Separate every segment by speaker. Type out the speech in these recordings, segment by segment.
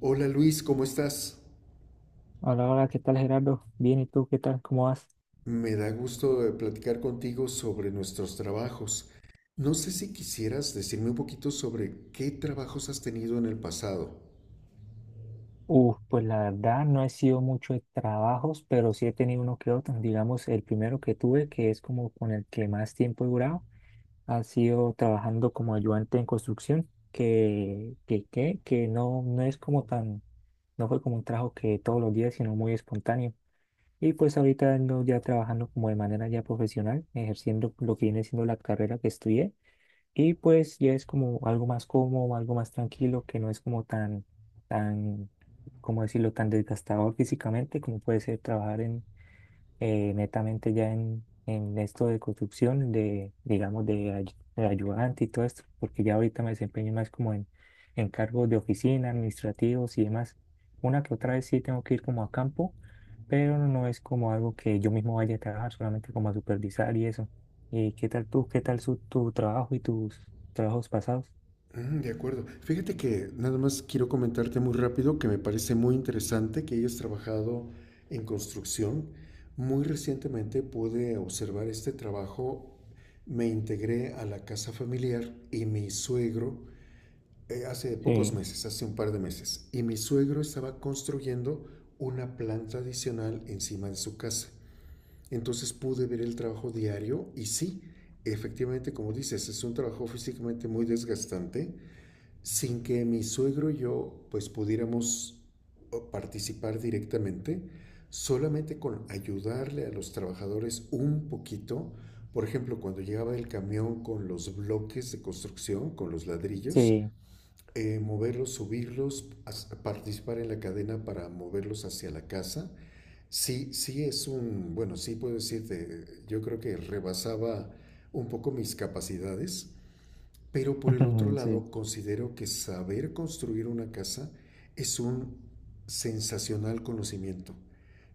Speaker 1: Hola Luis, ¿cómo estás?
Speaker 2: Hola, hola, ¿qué tal Gerardo? Bien, ¿y tú qué tal? ¿Cómo vas?
Speaker 1: Me da gusto platicar contigo sobre nuestros trabajos. No sé si quisieras decirme un poquito sobre qué trabajos has tenido en el pasado.
Speaker 2: Uf, pues la verdad no he sido mucho de trabajos, pero sí he tenido uno que otro. Digamos, el primero que tuve, que es como con el que más tiempo he durado, ha sido trabajando como ayudante en construcción, que no, no es como tan, no fue como un trabajo que todos los días, sino muy espontáneo. Y pues ahorita ando ya trabajando como de manera ya profesional, ejerciendo lo que viene siendo la carrera que estudié. Y pues ya es como algo más cómodo, algo más tranquilo, que no es como tan, tan, ¿cómo decirlo?, tan desgastador físicamente como puede ser trabajar netamente ya en esto de construcción, de, digamos, de, de ayudante y todo esto, porque ya ahorita me desempeño más como en cargos de oficina, administrativos y demás. Una que otra vez sí tengo que ir como a campo, pero no es como algo que yo mismo vaya a trabajar, solamente como a supervisar y eso. ¿Qué tal tú? ¿Qué tal tu trabajo y tus trabajos pasados?
Speaker 1: Mm, de acuerdo. Fíjate que nada más quiero comentarte muy rápido que me parece muy interesante que hayas trabajado en construcción. Muy recientemente pude observar este trabajo. Me integré a la casa familiar y mi suegro hace pocos
Speaker 2: Sí,
Speaker 1: meses, hace un par de meses, y mi suegro estaba construyendo una planta adicional encima de su casa. Entonces pude ver el trabajo diario y sí, efectivamente, como dices, es un trabajo físicamente muy desgastante, sin que mi suegro y yo pues pudiéramos participar directamente, solamente con ayudarle a los trabajadores un poquito. Por ejemplo, cuando llegaba el camión con los bloques de construcción, con los ladrillos,
Speaker 2: sí,
Speaker 1: moverlos, subirlos, participar en la cadena para moverlos hacia la casa. Sí, sí es un, bueno, sí puedo decirte, yo creo que rebasaba un poco mis capacidades, pero por el otro
Speaker 2: sí,
Speaker 1: lado considero que saber construir una casa es un sensacional conocimiento,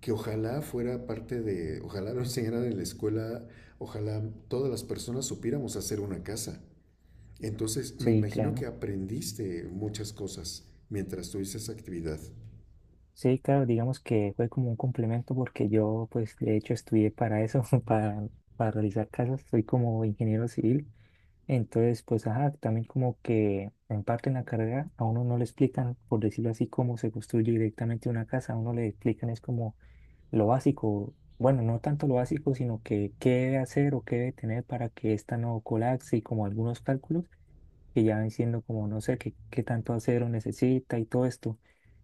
Speaker 1: que ojalá fuera parte de, ojalá lo enseñaran en la escuela, ojalá todas las personas supiéramos hacer una casa. Entonces, me
Speaker 2: sí,
Speaker 1: imagino que
Speaker 2: claro.
Speaker 1: aprendiste muchas cosas mientras tuviste esa actividad.
Speaker 2: Sí, claro, digamos que fue como un complemento porque yo, pues, de hecho, estudié para eso, para realizar casas, soy como ingeniero civil. Entonces, pues, ajá, también como que en parte en la carrera a uno no le explican, por decirlo así, cómo se construye directamente una casa, a uno le explican es como lo básico, bueno, no tanto lo básico, sino que qué debe hacer o qué debe tener para que esta no colapse y como algunos cálculos que ya van siendo como no sé qué, qué tanto acero necesita y todo esto,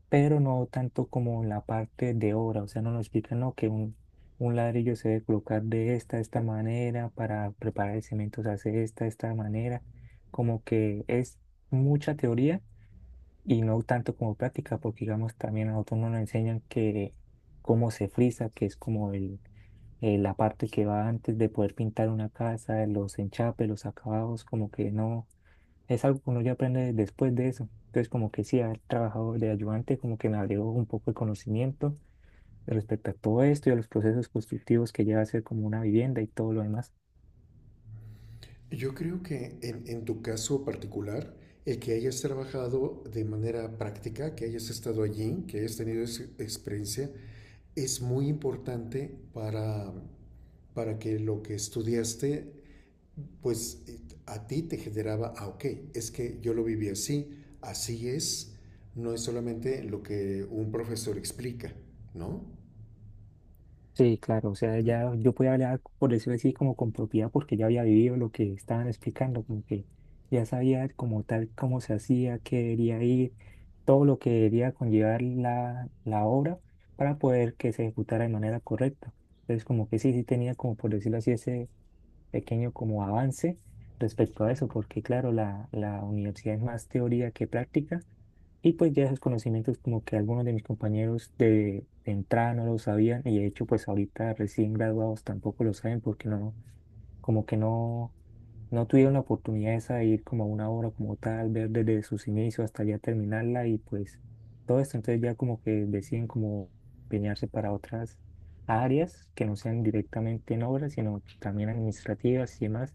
Speaker 2: pero no tanto como la parte de obra, o sea, no nos explican no, que un ladrillo se debe colocar de esta, esta manera, para preparar el cemento se hace de esta, esta manera, como que es mucha teoría y no tanto como práctica, porque digamos también a nosotros no nos enseñan que cómo se frisa, que es como la parte que va antes de poder pintar una casa, los enchapes, los acabados, como que no, es algo que uno ya aprende después de eso. Entonces como que sí, haber trabajado de ayudante como que me abrió un poco el conocimiento respecto a todo esto y a los procesos constructivos que lleva a ser como una vivienda y todo lo demás.
Speaker 1: Yo creo que en tu caso particular, el que hayas trabajado de manera práctica, que hayas estado allí, que hayas tenido esa experiencia, es muy importante para que lo que estudiaste, pues a ti te generaba, ah, ok, es que yo lo viví así, así es, no es solamente lo que un profesor explica, ¿no?
Speaker 2: Sí, claro, o sea, ya yo podía hablar, por decirlo así, como con propiedad, porque ya había vivido lo que estaban explicando, como que ya sabía como tal cómo se hacía, qué debería ir, todo lo que debería conllevar la obra para poder que se ejecutara de manera correcta. Entonces, como que sí, sí tenía como, por decirlo así, ese pequeño como avance respecto a eso, porque claro, la universidad es más teoría que práctica y pues ya esos conocimientos como que algunos de mis compañeros de entrada no los sabían y de hecho pues ahorita recién graduados tampoco lo saben porque no, como que no, no tuvieron la oportunidad esa de ir como a una obra como tal, ver desde sus inicios hasta ya terminarla y pues todo esto entonces ya como que deciden como empeñarse para otras áreas que no sean directamente en obras sino también administrativas y demás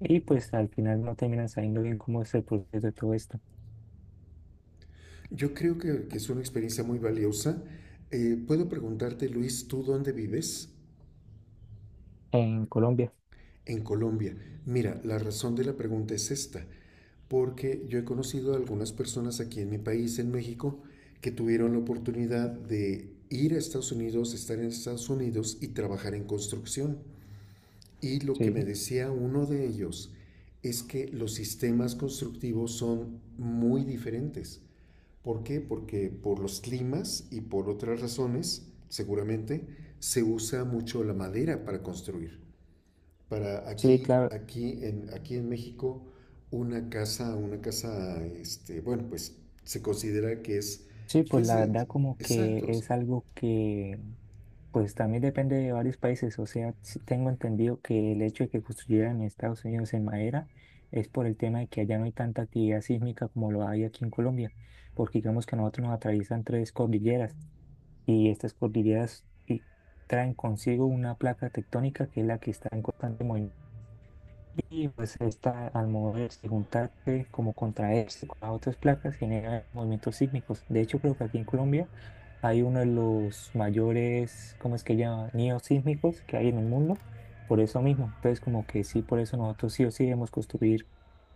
Speaker 2: y pues al final no terminan sabiendo bien cómo es el proceso de todo esto
Speaker 1: Yo creo que es una experiencia muy valiosa. Puedo preguntarte, Luis, ¿tú dónde vives?
Speaker 2: en Colombia.
Speaker 1: En Colombia. Mira, la razón de la pregunta es esta, porque yo he conocido a algunas personas aquí en mi país, en México, que tuvieron la oportunidad de ir a Estados Unidos, estar en Estados Unidos y trabajar en construcción. Y lo que
Speaker 2: Sí.
Speaker 1: me decía uno de ellos es que los sistemas constructivos son muy diferentes. ¿Por qué? Porque por los climas y por otras razones, seguramente, se usa mucho la madera para construir. Para
Speaker 2: Sí,
Speaker 1: aquí,
Speaker 2: claro.
Speaker 1: aquí en México, una casa, este, bueno, pues se considera
Speaker 2: Sí,
Speaker 1: que
Speaker 2: pues
Speaker 1: es
Speaker 2: la
Speaker 1: de-
Speaker 2: verdad como que
Speaker 1: exactos,
Speaker 2: es algo que pues también depende de varios países. O sea, sí tengo entendido que el hecho de que construyeran en Estados Unidos en madera es por el tema de que allá no hay tanta actividad sísmica como lo hay aquí en Colombia, porque digamos que a nosotros nos atraviesan tres cordilleras y estas cordilleras traen consigo una placa tectónica que es la que está en constante movimiento. Y pues esta, al moverse, juntarse, como contraerse con las otras placas, genera movimientos sísmicos. De hecho, creo que aquí en Colombia hay uno de los mayores, ¿cómo es que llama? Neosísmicos que hay en el mundo, por eso mismo. Entonces, como que sí, por eso nosotros sí o sí debemos construir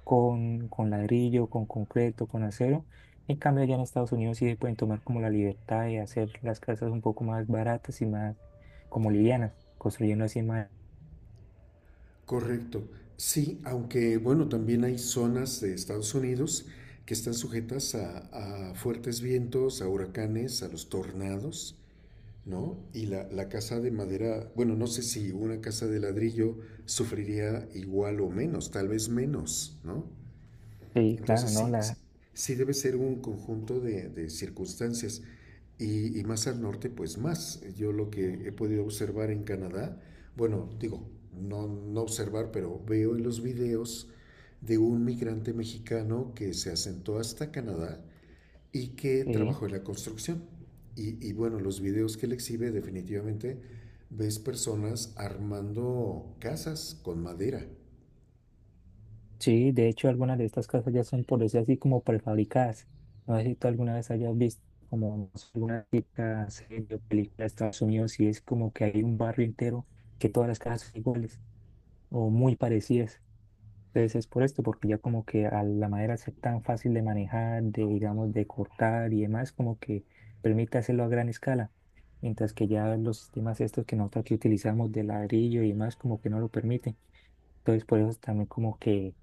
Speaker 2: con ladrillo, con concreto, con acero. En cambio, allá en Estados Unidos sí pueden tomar como la libertad de hacer las casas un poco más baratas y más como livianas, construyendo así más.
Speaker 1: correcto. Sí, aunque bueno, también hay zonas de Estados Unidos que están sujetas a fuertes vientos, a huracanes, a los tornados. ¿No? Y la casa de madera, bueno, no sé si una casa de ladrillo sufriría igual o menos, tal vez menos, ¿no?
Speaker 2: Sí, claro,
Speaker 1: Entonces
Speaker 2: ¿no?
Speaker 1: sí, sí debe ser un conjunto de circunstancias y más al norte, pues más. Yo lo que he podido observar en Canadá, bueno, digo, no observar, pero veo en los videos de un migrante mexicano que se asentó hasta Canadá y que
Speaker 2: Sí.
Speaker 1: trabajó en la construcción. Y bueno, los videos que él exhibe definitivamente ves personas armando casas con madera.
Speaker 2: Sí, de hecho algunas de estas casas ya son por decir así como prefabricadas. No sé si tú alguna vez hayas visto como no sé, alguna típica serie o película de Estados Unidos y es como que hay un barrio entero que todas las casas son iguales o muy parecidas. Entonces es por esto, porque ya como que a la madera es tan fácil de manejar, de digamos de cortar y demás, como que permite hacerlo a gran escala. Mientras que ya los sistemas estos que nosotros aquí utilizamos de ladrillo y demás como que no lo permiten. Entonces por eso también como que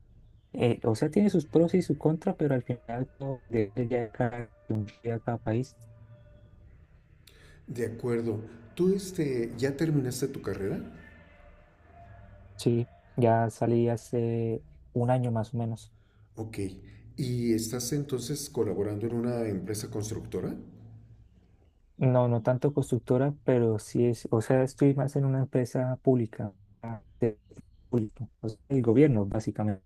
Speaker 2: o sea, tiene sus pros y sus contras, pero al final todo depende ya de cada país.
Speaker 1: De acuerdo, tú este, ya terminaste tu carrera,
Speaker 2: Sí, ya salí hace 1 año más o menos.
Speaker 1: ok, y estás entonces colaborando en una empresa constructora,
Speaker 2: No, no tanto constructora, pero sí es, o sea, estoy más en una empresa pública, ah, de- público, o sea, el gobierno básicamente.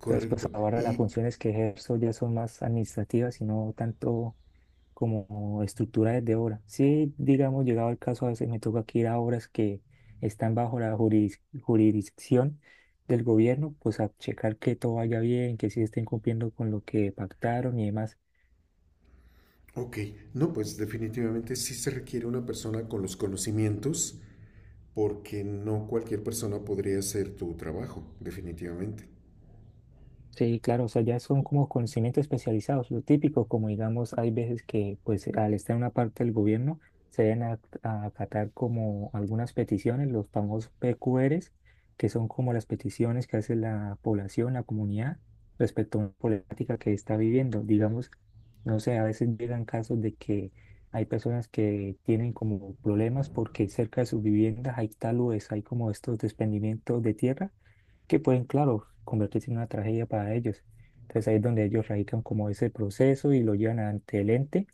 Speaker 2: Entonces, pues ahora las
Speaker 1: y
Speaker 2: funciones que ejerzo ya son más administrativas y no tanto como estructura desde obra. Sí, digamos, llegado el caso, a veces me toca que ir a obras que están bajo la jurisdicción del gobierno, pues a checar que todo vaya bien, que sí estén cumpliendo con lo que pactaron y demás.
Speaker 1: ok, no, pues definitivamente sí se requiere una persona con los conocimientos porque no cualquier persona podría hacer tu trabajo, definitivamente.
Speaker 2: Sí, claro, o sea, ya son como conocimientos especializados, lo típico, como digamos, hay veces que pues al estar en una parte del gobierno se deben a acatar como algunas peticiones, los famosos PQRs, que son como las peticiones que hace la población, la comunidad, respecto a una política que está viviendo. Digamos, no sé, a veces llegan casos de que hay personas que tienen como problemas porque cerca de sus viviendas hay taludes, hay como estos desprendimientos de tierra que pueden, claro, convertirse en una tragedia para ellos. Entonces ahí es donde ellos radican como ese proceso y lo llevan ante el ente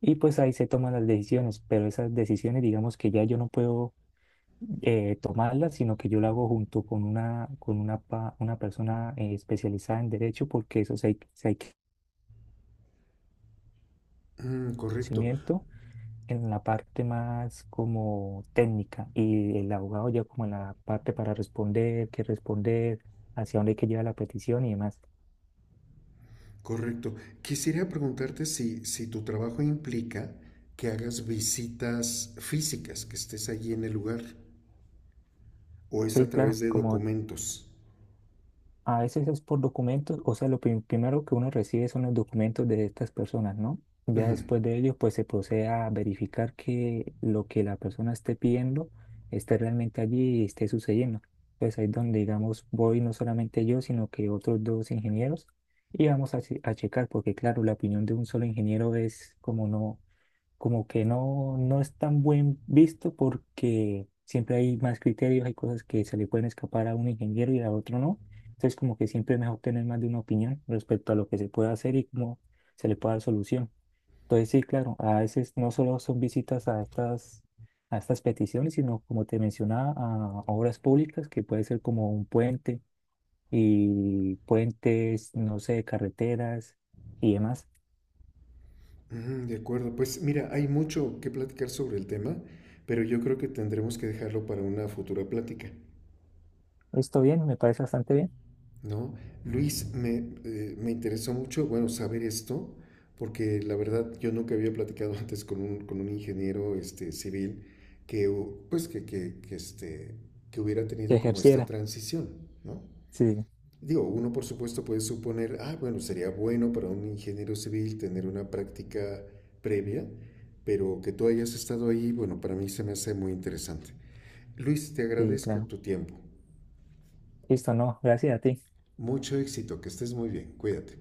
Speaker 2: y pues ahí se toman las decisiones, pero esas decisiones digamos que ya yo no puedo tomarlas, sino que yo lo hago junto con una una persona especializada en derecho porque eso sí hay
Speaker 1: Mm, correcto.
Speaker 2: conocimiento en la parte más como técnica y el abogado ya como en la parte para responder, qué responder, hacia dónde hay que llevar la petición y demás.
Speaker 1: Correcto. Quisiera preguntarte si, si tu trabajo implica que hagas visitas físicas, que estés allí en el lugar, o es a
Speaker 2: Sí,
Speaker 1: través
Speaker 2: claro,
Speaker 1: de
Speaker 2: como
Speaker 1: documentos.
Speaker 2: A veces es por documentos, o sea, primero que uno recibe son los documentos de estas personas, ¿no? Ya
Speaker 1: Ujú.
Speaker 2: después de ello, pues se procede a verificar que lo que la persona esté pidiendo esté realmente allí y esté sucediendo. Pues ahí es donde, digamos, voy no solamente yo, sino que otros 2 ingenieros y vamos a, a checar, porque claro, la opinión de un solo ingeniero es como no, como que no, no es tan buen visto porque siempre hay más criterios, hay cosas que se le pueden escapar a un ingeniero y a otro no. Entonces, como que siempre es mejor tener más de una opinión respecto a lo que se puede hacer y cómo se le puede dar solución. Entonces, sí, claro, a veces no solo son visitas a estas peticiones, sino como te mencionaba, a obras públicas, que puede ser como un puente y puentes, no sé, carreteras y demás.
Speaker 1: Ujú, de acuerdo. Pues mira, hay mucho que platicar sobre el tema, pero yo creo que tendremos que dejarlo para una futura plática.
Speaker 2: Esto bien, me parece bastante bien
Speaker 1: ¿No? Luis, me, me interesó mucho, bueno, saber esto, porque la verdad yo nunca había platicado antes con un ingeniero este, civil que, pues, este, que hubiera
Speaker 2: que
Speaker 1: tenido como esta
Speaker 2: ejerciera.
Speaker 1: transición, ¿no?
Speaker 2: Sí.
Speaker 1: Digo, uno por supuesto puede suponer, ah, bueno, sería bueno para un ingeniero civil tener una práctica previa, pero que tú hayas estado ahí, bueno, para mí se me hace muy interesante. Luis, te
Speaker 2: Sí,
Speaker 1: agradezco
Speaker 2: claro.
Speaker 1: tu tiempo.
Speaker 2: Listo, no, gracias a ti.
Speaker 1: Mucho éxito, que estés muy bien, cuídate.